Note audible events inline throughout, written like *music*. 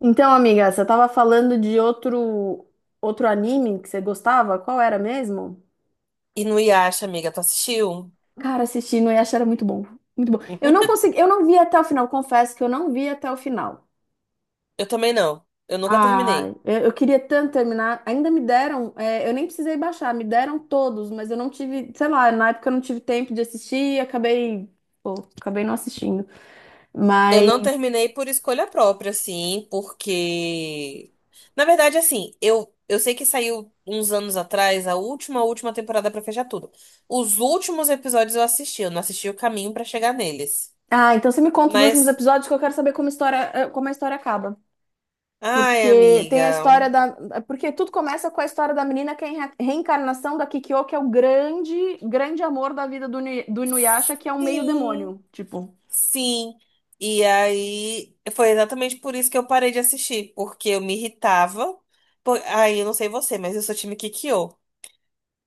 Então, amiga, você tava falando de outro anime que você gostava? Qual era mesmo? E no Yasha, amiga, tu assistiu? Cara, assisti no Yasha era muito bom. Muito bom. Eu não *laughs* consegui, eu não vi até o final, confesso que eu não vi até o final. Eu também não. Eu nunca Ah, terminei. eu queria tanto terminar. Ainda me deram, eu nem precisei baixar, me deram todos, mas eu não tive, sei lá, na época eu não tive tempo de assistir e pô, acabei não assistindo. Eu não Mas, terminei por escolha própria, assim, porque. Na verdade, assim, eu sei que saiu uns anos atrás a última temporada pra fechar tudo. Os últimos episódios eu assisti, eu não assisti o caminho pra chegar neles. ah, então você me conta os últimos Mas. episódios, que eu quero saber como como a história acaba. Ai, Porque tem a amiga. história da. Porque tudo começa com a história da menina que é a reencarnação da Kikyo, que é o grande amor da vida do Inuyasha, que é um meio Sim. demônio. Tipo. Sim. E aí foi exatamente por isso que eu parei de assistir, porque eu me irritava. Aí eu não sei você, mas eu sou time Kikyo.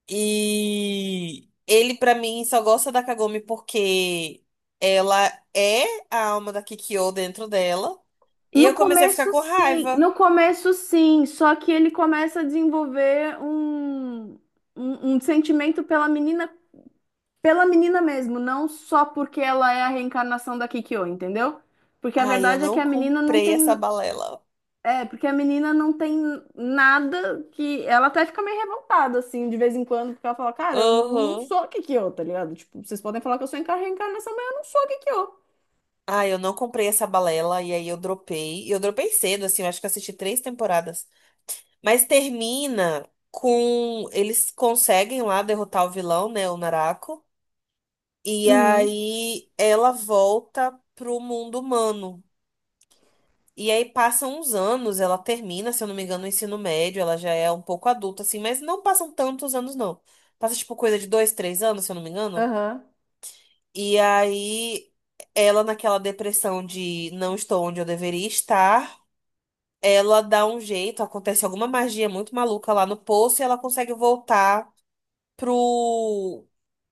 E ele pra mim só gosta da Kagome porque ela é a alma da Kikyo dentro dela. E No eu comecei a ficar começo, com sim. raiva. No começo, sim. Só que ele começa a desenvolver um sentimento pela menina mesmo, não só porque ela é a reencarnação da Kikyo, entendeu? Porque a Ai, eu verdade é que não a menina não comprei essa tem. balela. É, porque a menina não tem nada que. Ela até fica meio revoltada, assim, de vez em quando, porque ela fala: cara, eu não Aham. sou Kikyo, tá ligado? Tipo, vocês podem falar que eu sou reencarnação, mas eu não sou Kikyo. Ai, eu não comprei essa balela e aí eu dropei. E eu dropei cedo, assim, eu acho que eu assisti três temporadas. Mas termina com eles conseguem lá derrotar o vilão, né, o Narako, e Uhum, aí ela volta pro mundo humano. E aí passam uns anos, ela termina, se eu não me engano, o ensino médio, ela já é um pouco adulta assim, mas não passam tantos anos não. Passa tipo coisa de 2, 3 anos, se eu não me engano. aham. E aí ela naquela depressão de não estou onde eu deveria estar, ela dá um jeito, acontece alguma magia muito maluca lá no poço e ela consegue voltar pro,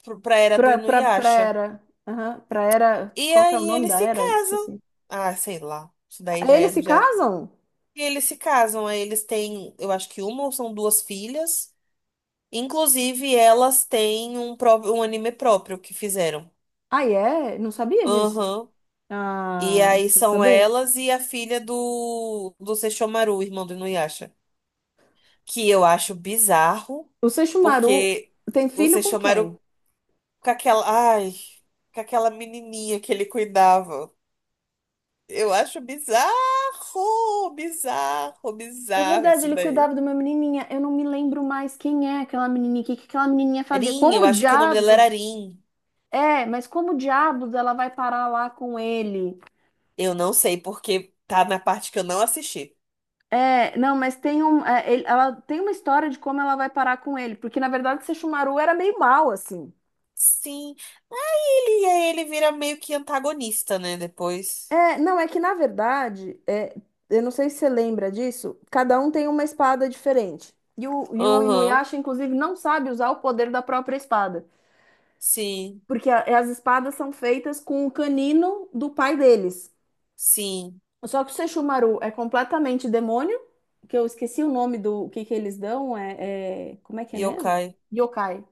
pro pra era do Pra Inuyasha. era. Aham, pra era. E Qual que é o aí nome eles da se era? casam. Esqueci. Ah, sei lá. Isso daí já Eles se é. Já... casam? E eles se casam, aí eles têm, eu acho que uma ou são duas filhas. Inclusive, elas têm um, um anime próprio que fizeram. Ah, é? Não sabia disso. Aham. E Ah, aí quer são saber? elas e a filha do Sesshomaru, irmão do Inuyasha. Que eu acho bizarro, O Seixumaru porque tem o filho com Sesshomaru quem? com aquela. Ai, com aquela menininha que ele cuidava. Eu acho bizarro, bizarro, É bizarro verdade, isso ele daí. cuidava de uma menininha. Eu não me lembro mais quem é aquela menininha, o que que aquela menininha fazia. Rin, eu Como acho que o nome dela era diabos? Rin. É, mas como diabos ela vai parar lá com ele? Eu não sei porque tá na parte que eu não assisti. É, não, mas tem um, é, ele- ela tem uma história de como ela vai parar com ele, porque na verdade Sesshomaru era meio mal assim. Sim. Aí ele vira meio que antagonista, né? Depois. É, não, é que na verdade, é, eu não sei se você lembra disso, cada um tem uma espada diferente. E o Aham. Inuyasha, inclusive, não sabe usar o poder da própria espada. Sim. Porque as espadas são feitas com o canino do pai deles. Sim. Só que o Sesshomaru é completamente demônio, que eu esqueci o nome do, o que que eles dão, como é que é mesmo? Yokai. Yokai.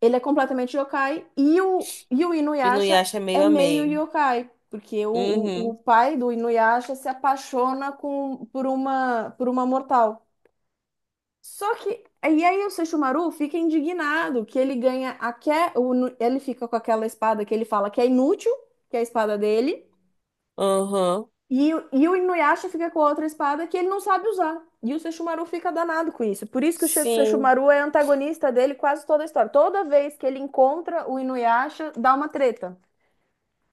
Ele é completamente yokai e o Inuyasha Inuyasha é é meio a meio meio. yokai, porque o Uhum. pai do Inuyasha se apaixona com, por por uma mortal. Só que E aí o Sesshomaru fica indignado que ele ganha a que ele fica com aquela espada que ele fala que é inútil, que é a espada dele, Aham. E o Inuyasha fica com a outra espada que ele não sabe usar. E o Sesshomaru fica danado com isso. Por isso que o Sim. Sesshomaru é antagonista dele quase toda a história. Toda vez que ele encontra o Inuyasha, dá uma treta.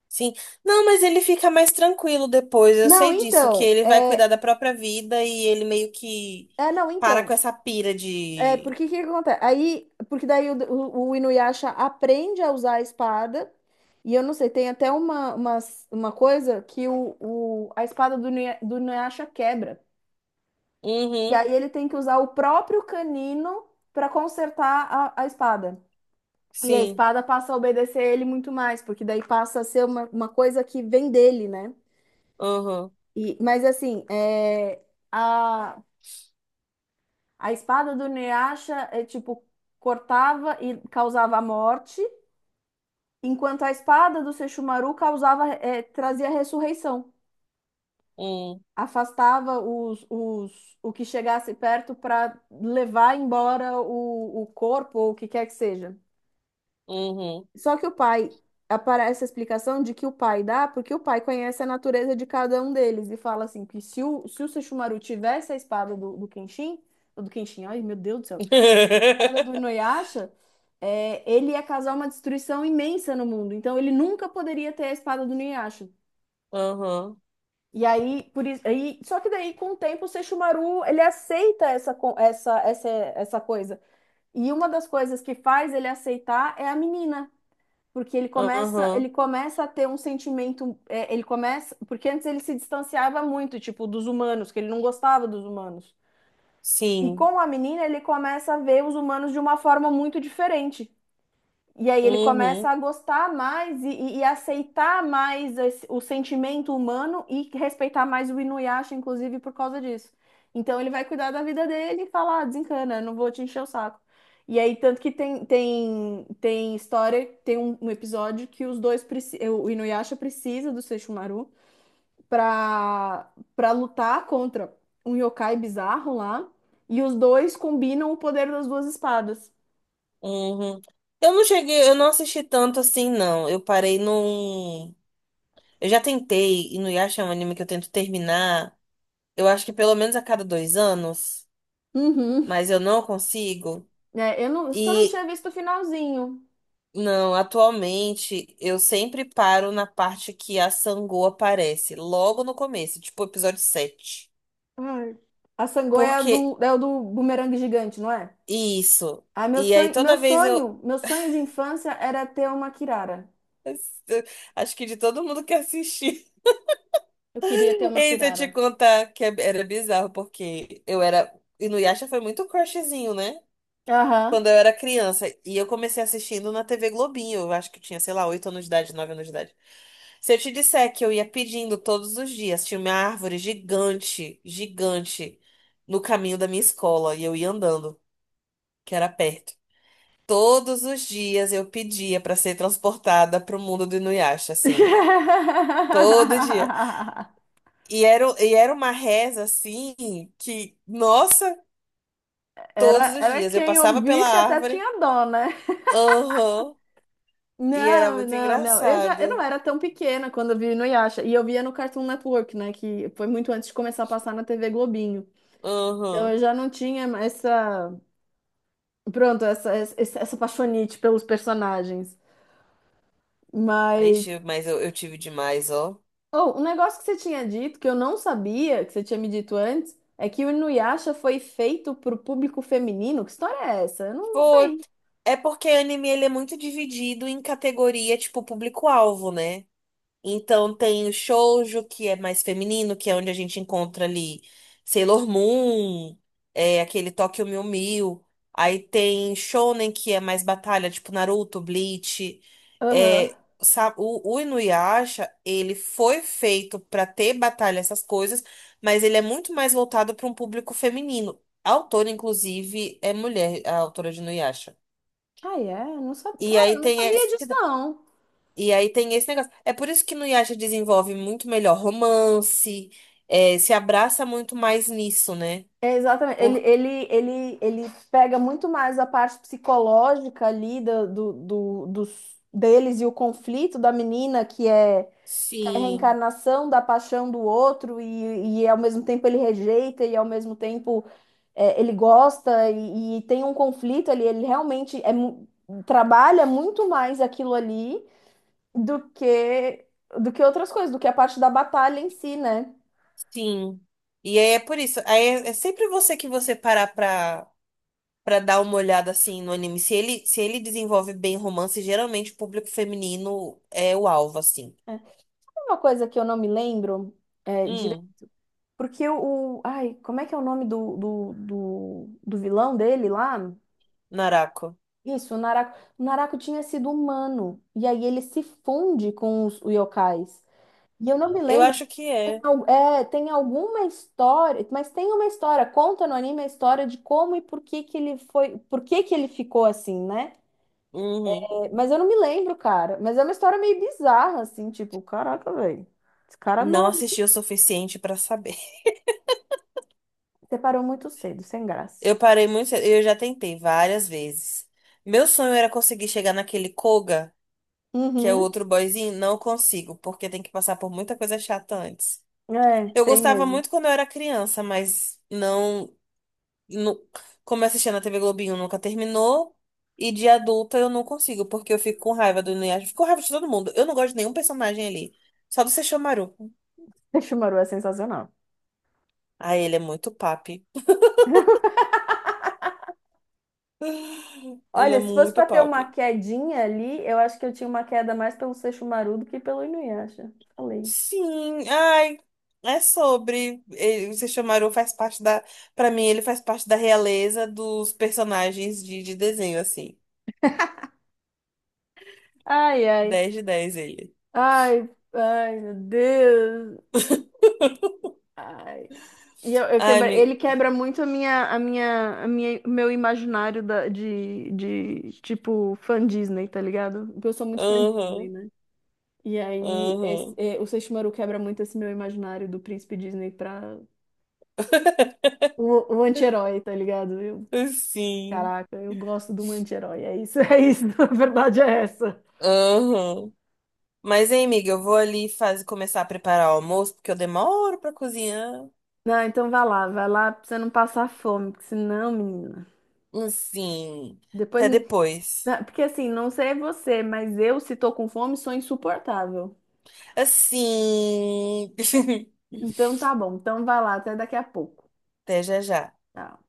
Sim. Não, mas ele fica mais tranquilo depois. Eu Não, sei disso, que então, ele vai cuidar é, da própria vida e ele meio que é não, para com então, essa pira É, de. porque que acontece? Porque daí o Inuyasha aprende a usar a espada, e eu não sei, tem até uma coisa que a espada do Inuyasha quebra. E Uhum, aí ele tem que usar o próprio canino para consertar a espada. E a sim. espada passa a obedecer ele muito mais, porque daí passa a ser uma coisa que vem dele, né? Uhum, E, mas assim, a, a espada do Inuyasha é tipo, cortava e causava a morte, enquanto a espada do Seixumaru trazia ressurreição, uhum, afastava o que chegasse perto para levar embora o corpo ou o que quer que seja. uhum. Só que o pai aparece a explicação de que o pai dá, porque o pai conhece a natureza de cada um deles e fala assim que se o Sesshomaru tivesse a espada do Kenshin, ai meu Deus do céu, a espada do *laughs* Inuyasha, é, ele ia causar uma destruição imensa no mundo. Então ele nunca poderia ter a espada do Inuyasha. Uhum, E aí, por isso, aí, só que daí com o tempo o Seixumaru ele aceita essa, co- essa coisa. E uma das coisas que faz ele aceitar é a menina, porque uhum, ele começa a ter um sentimento, porque antes ele se distanciava muito, tipo, dos humanos, que ele não gostava dos humanos. E sim. com a menina ele começa a ver os humanos de uma forma muito diferente. E aí ele começa Uhum, a gostar mais e aceitar mais o sentimento humano e respeitar mais o Inuyasha, inclusive, por causa disso. Então ele vai cuidar da vida dele e falar: ah, desencana, eu não vou te encher o saco. E aí, tanto que tem história, tem um episódio que o Inuyasha precisa do Sesshomaru pra lutar contra um yokai bizarro lá. E os dois combinam o poder das duas espadas. uhum. Eu não cheguei, eu não assisti tanto assim, não. Eu parei num. Eu já tentei, e no Yasha é um anime que eu tento terminar, eu acho que pelo menos a cada 2 anos, Uhum. mas eu não consigo. É, eu não, só não E tinha visto o finalzinho. não, atualmente eu sempre paro na parte que a Sangô aparece, logo no começo, tipo episódio 7. Ai. A Sangoya é a do, Porque é o do bumerangue gigante, não é? isso. Ah, E aí toda vez eu, meu sonho de infância era ter uma Kirara. eu acho que de todo mundo que assistir. Eu queria ter *laughs* uma Ei, se eu te Kirara. contar que é- era bizarro, porque eu era. E no Yasha foi muito crushzinho, né? Aham. Quando eu era criança. E eu comecei assistindo na TV Globinho. Eu acho que eu tinha, sei lá, 8 anos de idade, 9 anos de idade. Se eu te disser que eu ia pedindo todos os dias, tinha uma árvore gigante, gigante, no caminho da minha escola e eu ia andando, que era perto. Todos os dias eu pedia para ser transportada para o mundo do Inuyasha, assim, todo dia. *laughs* E era uma reza assim que, nossa, todos Era, os era, dias eu quem passava pela ouvisse até árvore, tinha dó, né? aham, e era Não, muito não, não. Eu não engraçado, era tão pequena quando eu vi no Yasha. E eu via no Cartoon Network, né? Que foi muito antes de começar a passar na TV Globinho. Então eu aham. já não tinha essa. Pronto, essa paixonite pelos personagens. Aí, Mas. mas eu tive demais, ó. Oh, um negócio que você tinha dito, que eu não sabia, que você tinha me dito antes, é que o Inuyasha foi feito pro público feminino. Que história é essa? Eu não Foi. sei. É porque anime ele é muito dividido em categoria, tipo, público-alvo, né? Então tem o shoujo, que é mais feminino, que é onde a gente encontra ali Sailor Moon, é, aquele Tokyo Mew Mew. Aí tem shonen, que é mais batalha, tipo Naruto, Bleach. Aham. É, o Inuyasha, ele foi feito pra ter batalha, essas coisas, mas ele é muito mais voltado para um público feminino. A autora, inclusive, é mulher, a autora de Inuyasha. Ah, é? Não sabia. E Cara, aí eu não tem sabia esse, disso, não. e aí tem esse negócio. É por isso que no Yasha desenvolve muito melhor romance, é, se abraça muito mais nisso, né? É, exatamente. Por Ele pega muito mais a parte psicológica ali deles e o conflito da menina, que é a Sim, reencarnação da paixão do outro, e ao mesmo tempo ele rejeita, e ao mesmo tempo é, ele gosta, e tem um conflito ali. Ele realmente trabalha muito mais aquilo ali do que, do que outras coisas, do que a parte da batalha em si, né? sim. E aí é por isso. Aí é sempre você que você parar pra, pra dar uma olhada assim no anime. Se ele desenvolve bem romance, geralmente o público feminino é o alvo, assim. É. Uma coisa que eu não me lembro. Hum, Porque o. Ai, como é que é o nome do vilão dele lá? Narako. Isso, o Naraku. O Naraku tinha sido humano. E aí ele se funde com os yokais. E eu não me Eu lembro, acho que é. Tem alguma história, mas tem uma história, conta no anime a história de como e por que que ele foi, por que que ele ficou assim, né? Uhum. É, mas eu não me lembro, cara. Mas é uma história meio bizarra, assim, tipo, caraca, velho. Esse cara Não mal, assisti o suficiente pra saber. separou muito cedo, sem graça. Eu parei muito cedo, eu já tentei várias vezes. Meu sonho era conseguir chegar naquele Koga, que é o Uhum. outro boyzinho, não consigo, porque tem que passar por muita coisa chata antes. É, Eu tem gostava mesmo. muito quando eu era criança, mas não, nu- como eu assistia na TV Globinho, nunca terminou. E de adulta eu não consigo, porque eu fico com raiva do Inuyasha, fico com raiva de todo mundo. Eu não gosto de nenhum personagem ali, só do Sesshomaru. *laughs* Shimaru é sensacional. Ah, ele é muito papi. Ele Olha, é se fosse muito para ter uma papi. quedinha ali, eu acho que eu tinha uma queda mais pelo Sesshomaru do que pelo Inuyasha. Falei. Sim, ai, é sobre. Ele, vocês chamaram, faz parte da. Pra mim, ele faz parte da realeza dos personagens de desenho, assim. Ai, ai. 10 de 10 ele. Ai, ai, meu Deus. Ai. Ai, me. Ele quebra muito o meu imaginário tipo, fã Disney, tá ligado? Porque eu sou muito fã Disney, Aham, né? E aí, aham. O Sesshomaru quebra muito esse meu imaginário do príncipe Disney pra o anti-herói, tá ligado? Sim. Caraca, eu gosto do um anti-herói. É isso, é isso. *laughs* A verdade é essa. Aham. Mas, hein, amiga, eu vou ali começar a preparar o almoço, porque eu demoro pra cozinhar. Não, então vai lá pra você não passar fome, porque senão, menina. Sim. Depois. Até me- depois. Não, porque assim, não sei você, mas eu, se tô com fome, sou insuportável. Assim. Então *laughs* tá bom, então vai lá, até daqui a pouco. Até já já. Tchau.